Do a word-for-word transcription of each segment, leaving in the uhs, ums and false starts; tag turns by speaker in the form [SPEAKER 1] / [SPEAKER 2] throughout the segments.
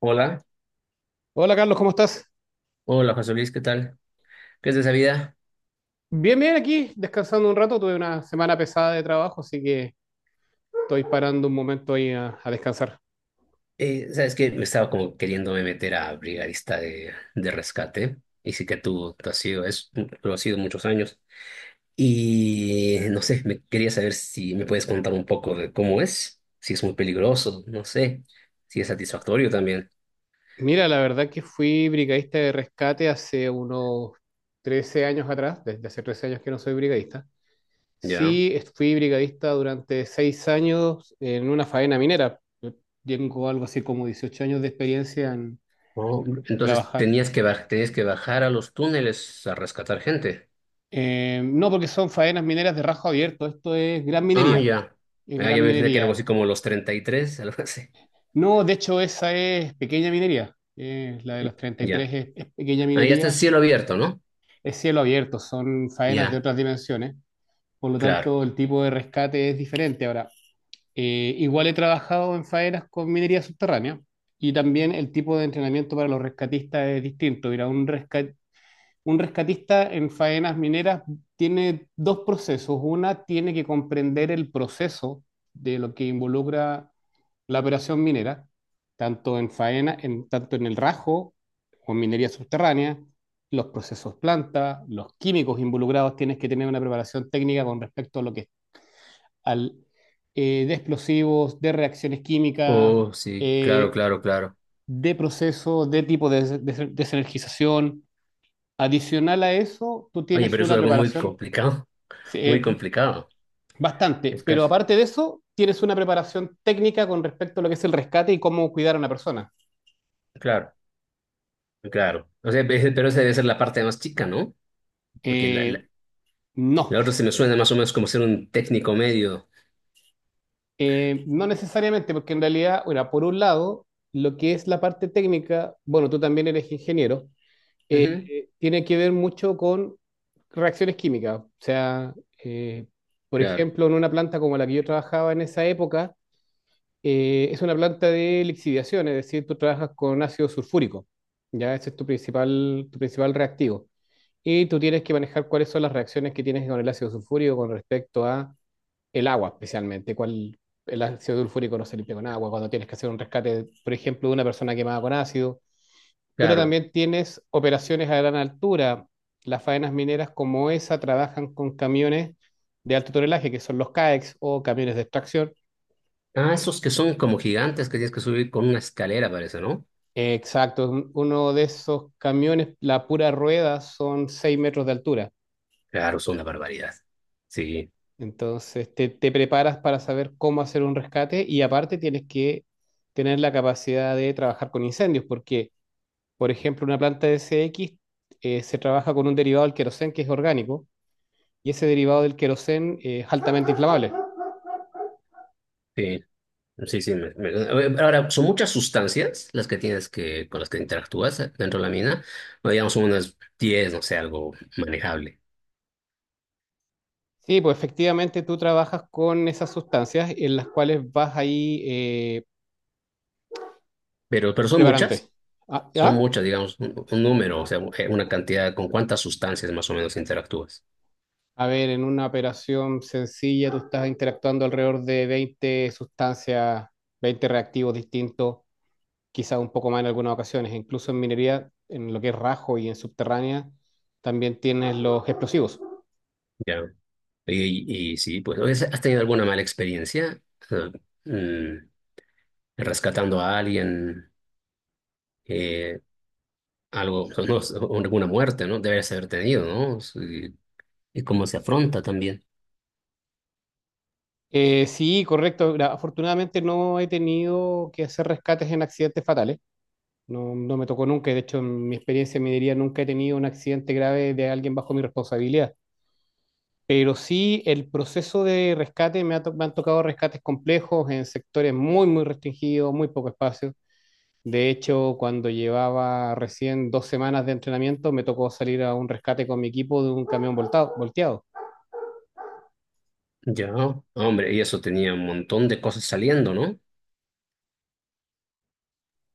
[SPEAKER 1] Hola,
[SPEAKER 2] Hola Carlos, ¿cómo estás?
[SPEAKER 1] hola José Luis, ¿qué tal? ¿Qué es de esa vida?
[SPEAKER 2] Bien, bien, aquí descansando un rato. Tuve una semana pesada de trabajo, así que estoy parando un momento ahí a, a descansar.
[SPEAKER 1] Eh, sabes que me estaba como queriéndome meter a brigadista de, de rescate, y sí que tú, tú has sido, es, lo has sido muchos años, y no sé, me quería saber si me puedes contar un poco de cómo es, si es muy peligroso, no sé, si es satisfactorio también.
[SPEAKER 2] Mira, la verdad que fui brigadista de rescate hace unos trece años atrás, desde hace trece años que no soy brigadista.
[SPEAKER 1] ¿Ya?
[SPEAKER 2] Sí, est- fui brigadista durante seis años en una faena minera. Yo tengo algo así como dieciocho años de experiencia en
[SPEAKER 1] Oh, entonces
[SPEAKER 2] trabajar.
[SPEAKER 1] tenías que, baj- tenías que bajar a los túneles a rescatar gente.
[SPEAKER 2] Eh, no, porque son faenas mineras de rajo abierto, esto es gran
[SPEAKER 1] Ah,
[SPEAKER 2] minería,
[SPEAKER 1] ya.
[SPEAKER 2] es
[SPEAKER 1] Ah, ya
[SPEAKER 2] gran
[SPEAKER 1] me imaginé que era algo así
[SPEAKER 2] minería.
[SPEAKER 1] como los treinta y tres, algo así.
[SPEAKER 2] No, de hecho, esa es pequeña minería. Eh, la de los treinta y tres
[SPEAKER 1] Ya.
[SPEAKER 2] es, es pequeña
[SPEAKER 1] Ahí está el
[SPEAKER 2] minería.
[SPEAKER 1] cielo abierto, ¿no?
[SPEAKER 2] Es cielo abierto, son faenas de
[SPEAKER 1] Ya,
[SPEAKER 2] otras dimensiones. Por lo
[SPEAKER 1] claro.
[SPEAKER 2] tanto, el tipo de rescate es diferente. Ahora, eh, igual he trabajado en faenas con minería subterránea y también el tipo de entrenamiento para los rescatistas es distinto. Mira, un resca- un rescatista en faenas mineras tiene dos procesos. Una tiene que comprender el proceso de lo que involucra la operación minera, tanto en faena, en, tanto en el rajo o en minería subterránea, los procesos planta, los químicos involucrados, tienes que tener una preparación técnica con respecto a lo que al eh, de explosivos, de reacciones químicas,
[SPEAKER 1] Oh, sí, claro,
[SPEAKER 2] eh,
[SPEAKER 1] claro, claro.
[SPEAKER 2] de procesos, de tipo de, des- des- desenergización. Adicional a eso, tú
[SPEAKER 1] Oye,
[SPEAKER 2] tienes
[SPEAKER 1] pero eso
[SPEAKER 2] una
[SPEAKER 1] es algo muy
[SPEAKER 2] preparación
[SPEAKER 1] complicado, muy
[SPEAKER 2] eh,
[SPEAKER 1] complicado.
[SPEAKER 2] bastante,
[SPEAKER 1] Es
[SPEAKER 2] pero
[SPEAKER 1] casi,
[SPEAKER 2] aparte de eso, tienes una preparación técnica con respecto a lo que es el rescate y cómo cuidar a una persona.
[SPEAKER 1] claro, claro. O sea, pe- pero esa debe ser la parte más chica, ¿no? Porque la,
[SPEAKER 2] Eh,
[SPEAKER 1] la,
[SPEAKER 2] No,
[SPEAKER 1] la otra se me suena más o menos como ser un técnico medio.
[SPEAKER 2] eh, no necesariamente, porque en realidad, bueno, por un lado, lo que es la parte técnica, bueno, tú también eres ingeniero, eh,
[SPEAKER 1] Ujú,
[SPEAKER 2] eh, tiene que ver mucho con reacciones químicas. O sea, eh, por
[SPEAKER 1] claro,
[SPEAKER 2] ejemplo, en una planta como la que yo trabajaba en esa época, eh, es una planta de lixiviación, es decir, tú trabajas con ácido sulfúrico, ya ese es tu principal, tu principal reactivo. Y tú tienes que manejar cuáles son las reacciones que tienes con el ácido sulfúrico con respecto a el agua, especialmente, cuál el ácido sulfúrico no se limpia con agua, cuando tienes que hacer un rescate, por ejemplo, de una persona quemada con ácido, pero
[SPEAKER 1] claro.
[SPEAKER 2] también tienes operaciones a gran altura. Las faenas mineras como esa trabajan con camiones de alto tonelaje, que son los CAEX o camiones de extracción.
[SPEAKER 1] Ah, esos que son como gigantes que tienes que subir con una escalera, parece, ¿no?
[SPEAKER 2] Eh, Exacto, un- uno de esos camiones, la pura rueda, son seis metros de altura.
[SPEAKER 1] Claro, son una barbaridad. Sí,
[SPEAKER 2] Entonces te, te preparas para saber cómo hacer un rescate y aparte tienes que tener la capacidad de trabajar con incendios, porque por ejemplo, una planta de S X eh, se trabaja con un derivado del queroseno que es orgánico y ese derivado del queroseno eh, es altamente inflamable.
[SPEAKER 1] sí. Sí, sí. Me- me- eh, ahora, son muchas sustancias las que tienes que, con las que interactúas dentro de la mina. Bueno, digamos, son unas diez, no sé, algo manejable.
[SPEAKER 2] Sí, pues efectivamente tú trabajas con esas sustancias en las cuales vas ahí eh,
[SPEAKER 1] Pero, pero son
[SPEAKER 2] preparándote.
[SPEAKER 1] muchas,
[SPEAKER 2] Ah,
[SPEAKER 1] son
[SPEAKER 2] ¿ya?
[SPEAKER 1] muchas, digamos, un, un número, o sea, eh, una cantidad, con cuántas sustancias más o menos interactúas.
[SPEAKER 2] A ver, en una operación sencilla tú estás interactuando alrededor de veinte sustancias, veinte reactivos distintos, quizás un poco más en algunas ocasiones. Incluso en minería, en lo que es rajo y en subterránea, también tienes los explosivos.
[SPEAKER 1] Ya. Y, y sí, pues, ¿has has tenido alguna mala experiencia? Eh, mm, Rescatando a alguien, eh, algo, no, alguna muerte, ¿no? Debes haber tenido, ¿no? Sí. ¿Y cómo se afronta también?
[SPEAKER 2] Eh, sí, correcto. Gra- Afortunadamente no he tenido que hacer rescates en accidentes fatales. No, no me tocó nunca. De hecho, en mi experiencia me diría nunca he tenido un accidente grave de alguien bajo mi responsabilidad. Pero sí, el proceso de rescate me, ha to- me han tocado rescates complejos en sectores muy, muy restringidos, muy poco espacio. De hecho, cuando llevaba recién dos semanas de entrenamiento, me tocó salir a un rescate con mi equipo de un camión voltado- volteado.
[SPEAKER 1] Ya, hombre, y eso tenía un montón de cosas saliendo, ¿no?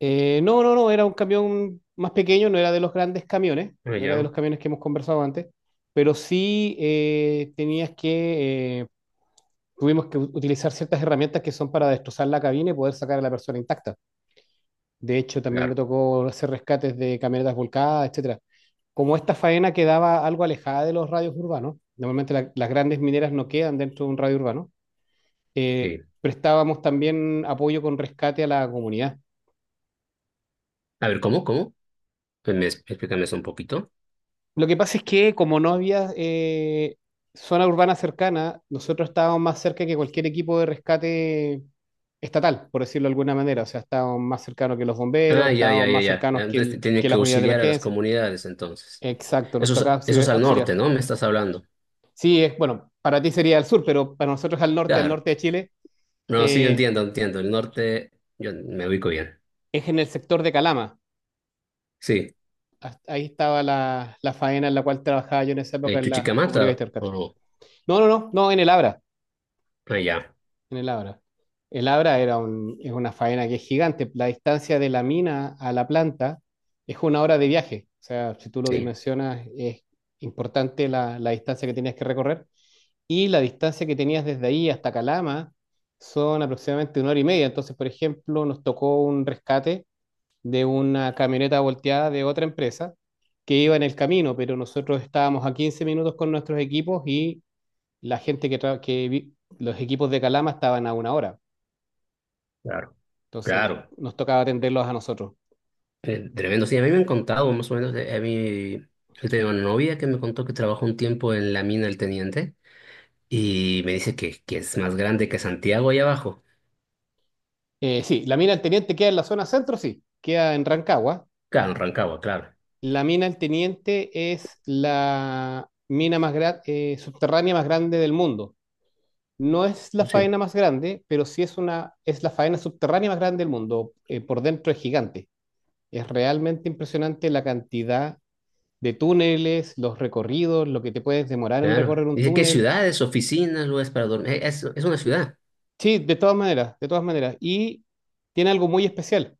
[SPEAKER 2] Eh, no, no, no, era un camión más pequeño, no era de los grandes camiones,
[SPEAKER 1] Ah,
[SPEAKER 2] no era de
[SPEAKER 1] ya,
[SPEAKER 2] los camiones que hemos conversado antes, pero sí eh, tenías que, eh, tuvimos que u- utilizar ciertas herramientas que son para destrozar la cabina y poder sacar a la persona intacta. De hecho, también me
[SPEAKER 1] claro,
[SPEAKER 2] tocó hacer rescates de camionetas volcadas, etcétera. Como esta faena quedaba algo alejada de los radios urbanos, normalmente la- las grandes mineras no quedan dentro de un radio urbano, eh,
[SPEAKER 1] sí.
[SPEAKER 2] prestábamos también apoyo con rescate a la comunidad.
[SPEAKER 1] A ver, ¿cómo, cómo? Pues me, explícame eso un poquito.
[SPEAKER 2] Lo que pasa es que como no había eh, zona urbana cercana, nosotros estábamos más cerca que cualquier equipo de rescate estatal, por decirlo de alguna manera. O sea, estábamos más cercanos que los bomberos,
[SPEAKER 1] Ah, ya, ya,
[SPEAKER 2] estábamos
[SPEAKER 1] ya,
[SPEAKER 2] más
[SPEAKER 1] ya.
[SPEAKER 2] cercanos que,
[SPEAKER 1] Entonces te-
[SPEAKER 2] el-
[SPEAKER 1] tenía
[SPEAKER 2] que
[SPEAKER 1] que
[SPEAKER 2] las unidades de
[SPEAKER 1] auxiliar a las
[SPEAKER 2] emergencia.
[SPEAKER 1] comunidades, entonces.
[SPEAKER 2] Exacto, nos
[SPEAKER 1] Eso es,
[SPEAKER 2] tocaba
[SPEAKER 1] eso
[SPEAKER 2] auxili-
[SPEAKER 1] es al
[SPEAKER 2] auxiliar.
[SPEAKER 1] norte, ¿no? Me estás hablando.
[SPEAKER 2] Sí, es, bueno, para ti sería al sur, pero para nosotros al norte, al
[SPEAKER 1] Claro.
[SPEAKER 2] norte de Chile,
[SPEAKER 1] No, sí, yo
[SPEAKER 2] eh,
[SPEAKER 1] entiendo, entiendo. El norte, yo me ubico bien.
[SPEAKER 2] es en el sector de Calama.
[SPEAKER 1] Sí.
[SPEAKER 2] Hasta ahí estaba la, la faena en la cual trabajaba yo en esa época
[SPEAKER 1] Eh,
[SPEAKER 2] en la cooperativa
[SPEAKER 1] Chuchicamata,
[SPEAKER 2] de
[SPEAKER 1] ¿o
[SPEAKER 2] rescate.
[SPEAKER 1] no?
[SPEAKER 2] No, no, no, no, en el Abra.
[SPEAKER 1] Ah, ya,
[SPEAKER 2] En el Abra. El Abra era un- es una faena que es gigante. La distancia de la mina a la planta es una hora de viaje. O sea, si tú lo
[SPEAKER 1] sí,
[SPEAKER 2] dimensionas, es importante la, la distancia que tenías que recorrer. Y la distancia que tenías desde ahí hasta Calama son aproximadamente una hora y media. Entonces, por ejemplo, nos tocó un rescate de una camioneta volteada de otra empresa que iba en el camino, pero nosotros estábamos a quince minutos con nuestros equipos y la gente que, tra- que vi- los equipos de Calama estaban a una hora.
[SPEAKER 1] claro,
[SPEAKER 2] Entonces nos,
[SPEAKER 1] claro.
[SPEAKER 2] nos tocaba atenderlos a nosotros.
[SPEAKER 1] Eh, tremendo, sí, a mí me han contado más o menos, de- a mí, yo tengo una novia que me contó que trabajó un tiempo en la mina del Teniente y me dice que, que es más grande que Santiago ahí abajo.
[SPEAKER 2] Eh, sí, la mina del Teniente queda en la zona centro, sí, queda en Rancagua.
[SPEAKER 1] Claro, en Rancagua, claro.
[SPEAKER 2] La mina del Teniente es la mina más gra- eh, subterránea más grande del mundo. No es la
[SPEAKER 1] Pues sí.
[SPEAKER 2] faena más grande, pero sí es, una, es la faena subterránea más grande del mundo. Eh, por dentro es gigante. Es realmente impresionante la cantidad de túneles, los recorridos, lo que te puedes demorar en
[SPEAKER 1] Claro.
[SPEAKER 2] recorrer un
[SPEAKER 1] Dice que
[SPEAKER 2] túnel.
[SPEAKER 1] ciudades, oficinas, lugares para dormir. Eh, Es, es una ciudad.
[SPEAKER 2] Sí, de todas maneras, de todas maneras. Y tiene algo muy especial.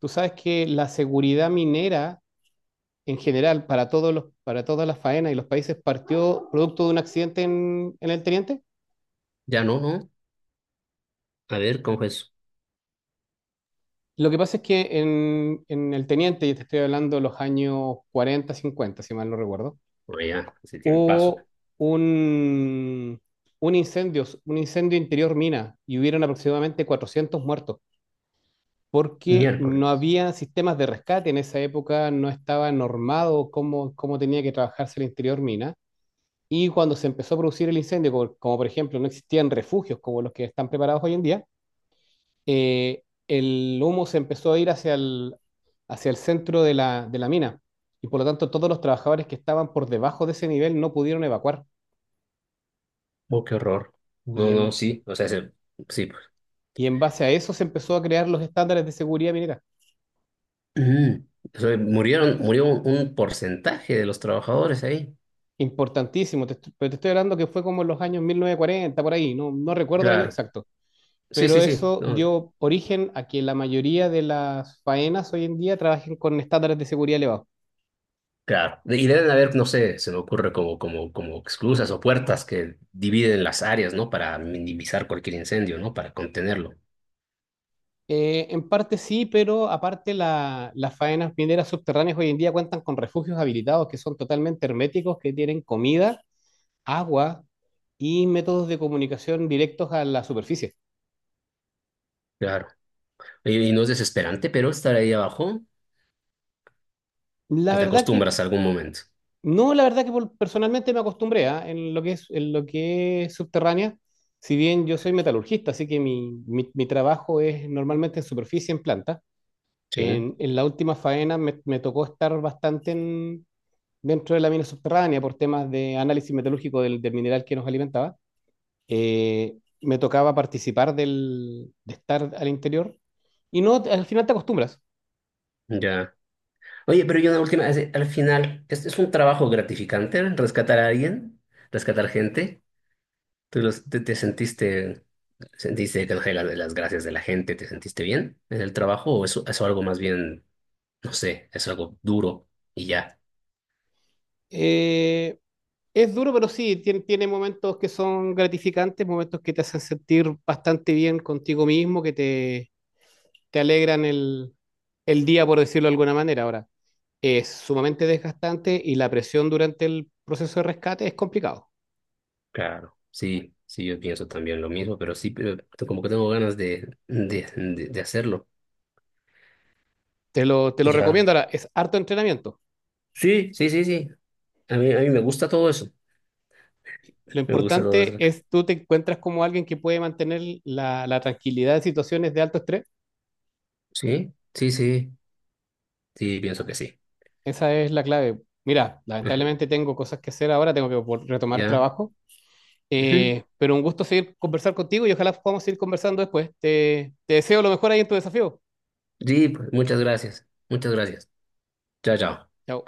[SPEAKER 2] Tú sabes que la seguridad minera en general para todos los, para todas las faenas y los países partió producto de un accidente en, en el Teniente.
[SPEAKER 1] Ya no, ¿no? A ver, ¿cómo es eso?
[SPEAKER 2] Lo que pasa es que en, en el Teniente, y te estoy hablando de los años cuarenta, cincuenta, si mal no recuerdo,
[SPEAKER 1] Bueno, ya, hace tiempazo.
[SPEAKER 2] hubo un, un incendio, un incendio interior mina y hubieron aproximadamente cuatrocientos muertos porque no
[SPEAKER 1] Miércoles.
[SPEAKER 2] había sistemas de rescate en esa época, no estaba normado cómo, cómo tenía que trabajarse el interior mina. Y cuando se empezó a producir el incendio, como, como por ejemplo no existían refugios como los que están preparados hoy en día, eh, el humo se empezó a ir hacia el, hacia el centro de la, de la mina. Y por lo tanto todos los trabajadores que estaban por debajo de ese nivel no pudieron evacuar.
[SPEAKER 1] Oh, qué horror. No,
[SPEAKER 2] Y
[SPEAKER 1] no,
[SPEAKER 2] en,
[SPEAKER 1] sí. O sea, se- sí, pues.
[SPEAKER 2] y en base a eso se empezó a crear los estándares de seguridad minera.
[SPEAKER 1] Mm. O sea, murieron, murió un un porcentaje de los trabajadores ahí.
[SPEAKER 2] Importantísimo, te est- pero te estoy hablando que fue como en los años mil novecientos cuarenta, por ahí, no, no recuerdo el año
[SPEAKER 1] Claro.
[SPEAKER 2] exacto.
[SPEAKER 1] Sí,
[SPEAKER 2] Pero
[SPEAKER 1] sí, sí,
[SPEAKER 2] eso
[SPEAKER 1] no,
[SPEAKER 2] dio origen a que la mayoría de las faenas hoy en día trabajen con estándares de seguridad elevados.
[SPEAKER 1] claro. De- y deben haber, no sé, se me ocurre como, como, como esclusas o puertas que dividen las áreas, ¿no? Para minimizar cualquier incendio, ¿no? Para contenerlo,
[SPEAKER 2] Eh, en parte sí, pero aparte la- las faenas mineras subterráneas hoy en día cuentan con refugios habilitados que son totalmente herméticos, que tienen comida, agua y métodos de comunicación directos a la superficie.
[SPEAKER 1] claro. Y, y no es desesperante, pero estar ahí abajo,
[SPEAKER 2] La
[SPEAKER 1] o te
[SPEAKER 2] verdad que,
[SPEAKER 1] acostumbras a algún momento,
[SPEAKER 2] no, la verdad que por- personalmente me acostumbré, ¿ah? En lo que es, en lo que es subterránea, si bien yo soy metalurgista, así que mi, mi mi trabajo es normalmente en superficie, en planta.
[SPEAKER 1] ¿sí?
[SPEAKER 2] En, en la última faena me, me tocó estar bastante en- dentro de la mina subterránea por temas de análisis metalúrgico del, del mineral que nos alimentaba. Eh, me tocaba participar del, de estar al interior y no, al final te acostumbras.
[SPEAKER 1] Ya. Oye, pero yo una última, es- al final, ¿es, es un trabajo gratificante rescatar a alguien? ¿Rescatar gente? ¿Tú los- te, te sentiste, sentiste que las, las gracias de la gente, te sentiste bien en el trabajo o eso, eso algo más bien no sé, es algo duro y ya.
[SPEAKER 2] Eh, es duro, pero sí, tiene, tiene momentos que son gratificantes, momentos que te hacen sentir bastante bien contigo mismo, que te te alegran el, el día, por decirlo de alguna manera. Ahora, es sumamente desgastante y la presión durante el proceso de rescate es complicado.
[SPEAKER 1] Claro. Sí, sí, yo pienso también lo mismo, pero sí, pero como que tengo ganas de, de, de, de hacerlo.
[SPEAKER 2] Te lo, te lo
[SPEAKER 1] Y ya.
[SPEAKER 2] recomiendo. Ahora, es harto entrenamiento.
[SPEAKER 1] Sí, sí, sí, sí. A mí, a mí me gusta todo eso.
[SPEAKER 2] Lo
[SPEAKER 1] Me gusta todo eso.
[SPEAKER 2] importante es tú te encuentras como alguien que puede mantener la, la tranquilidad en situaciones de alto estrés.
[SPEAKER 1] Sí, sí, sí. Sí, pienso que sí.
[SPEAKER 2] Esa es la clave. Mira, lamentablemente tengo cosas que hacer ahora, tengo que vol- retomar
[SPEAKER 1] Ya.
[SPEAKER 2] trabajo,
[SPEAKER 1] Ujú.
[SPEAKER 2] eh, pero un gusto seguir conversar contigo y ojalá podamos seguir conversando después. Te, te deseo lo mejor ahí en tu desafío.
[SPEAKER 1] Sí, pues, muchas gracias. Muchas gracias. Chao, chao.
[SPEAKER 2] Chao.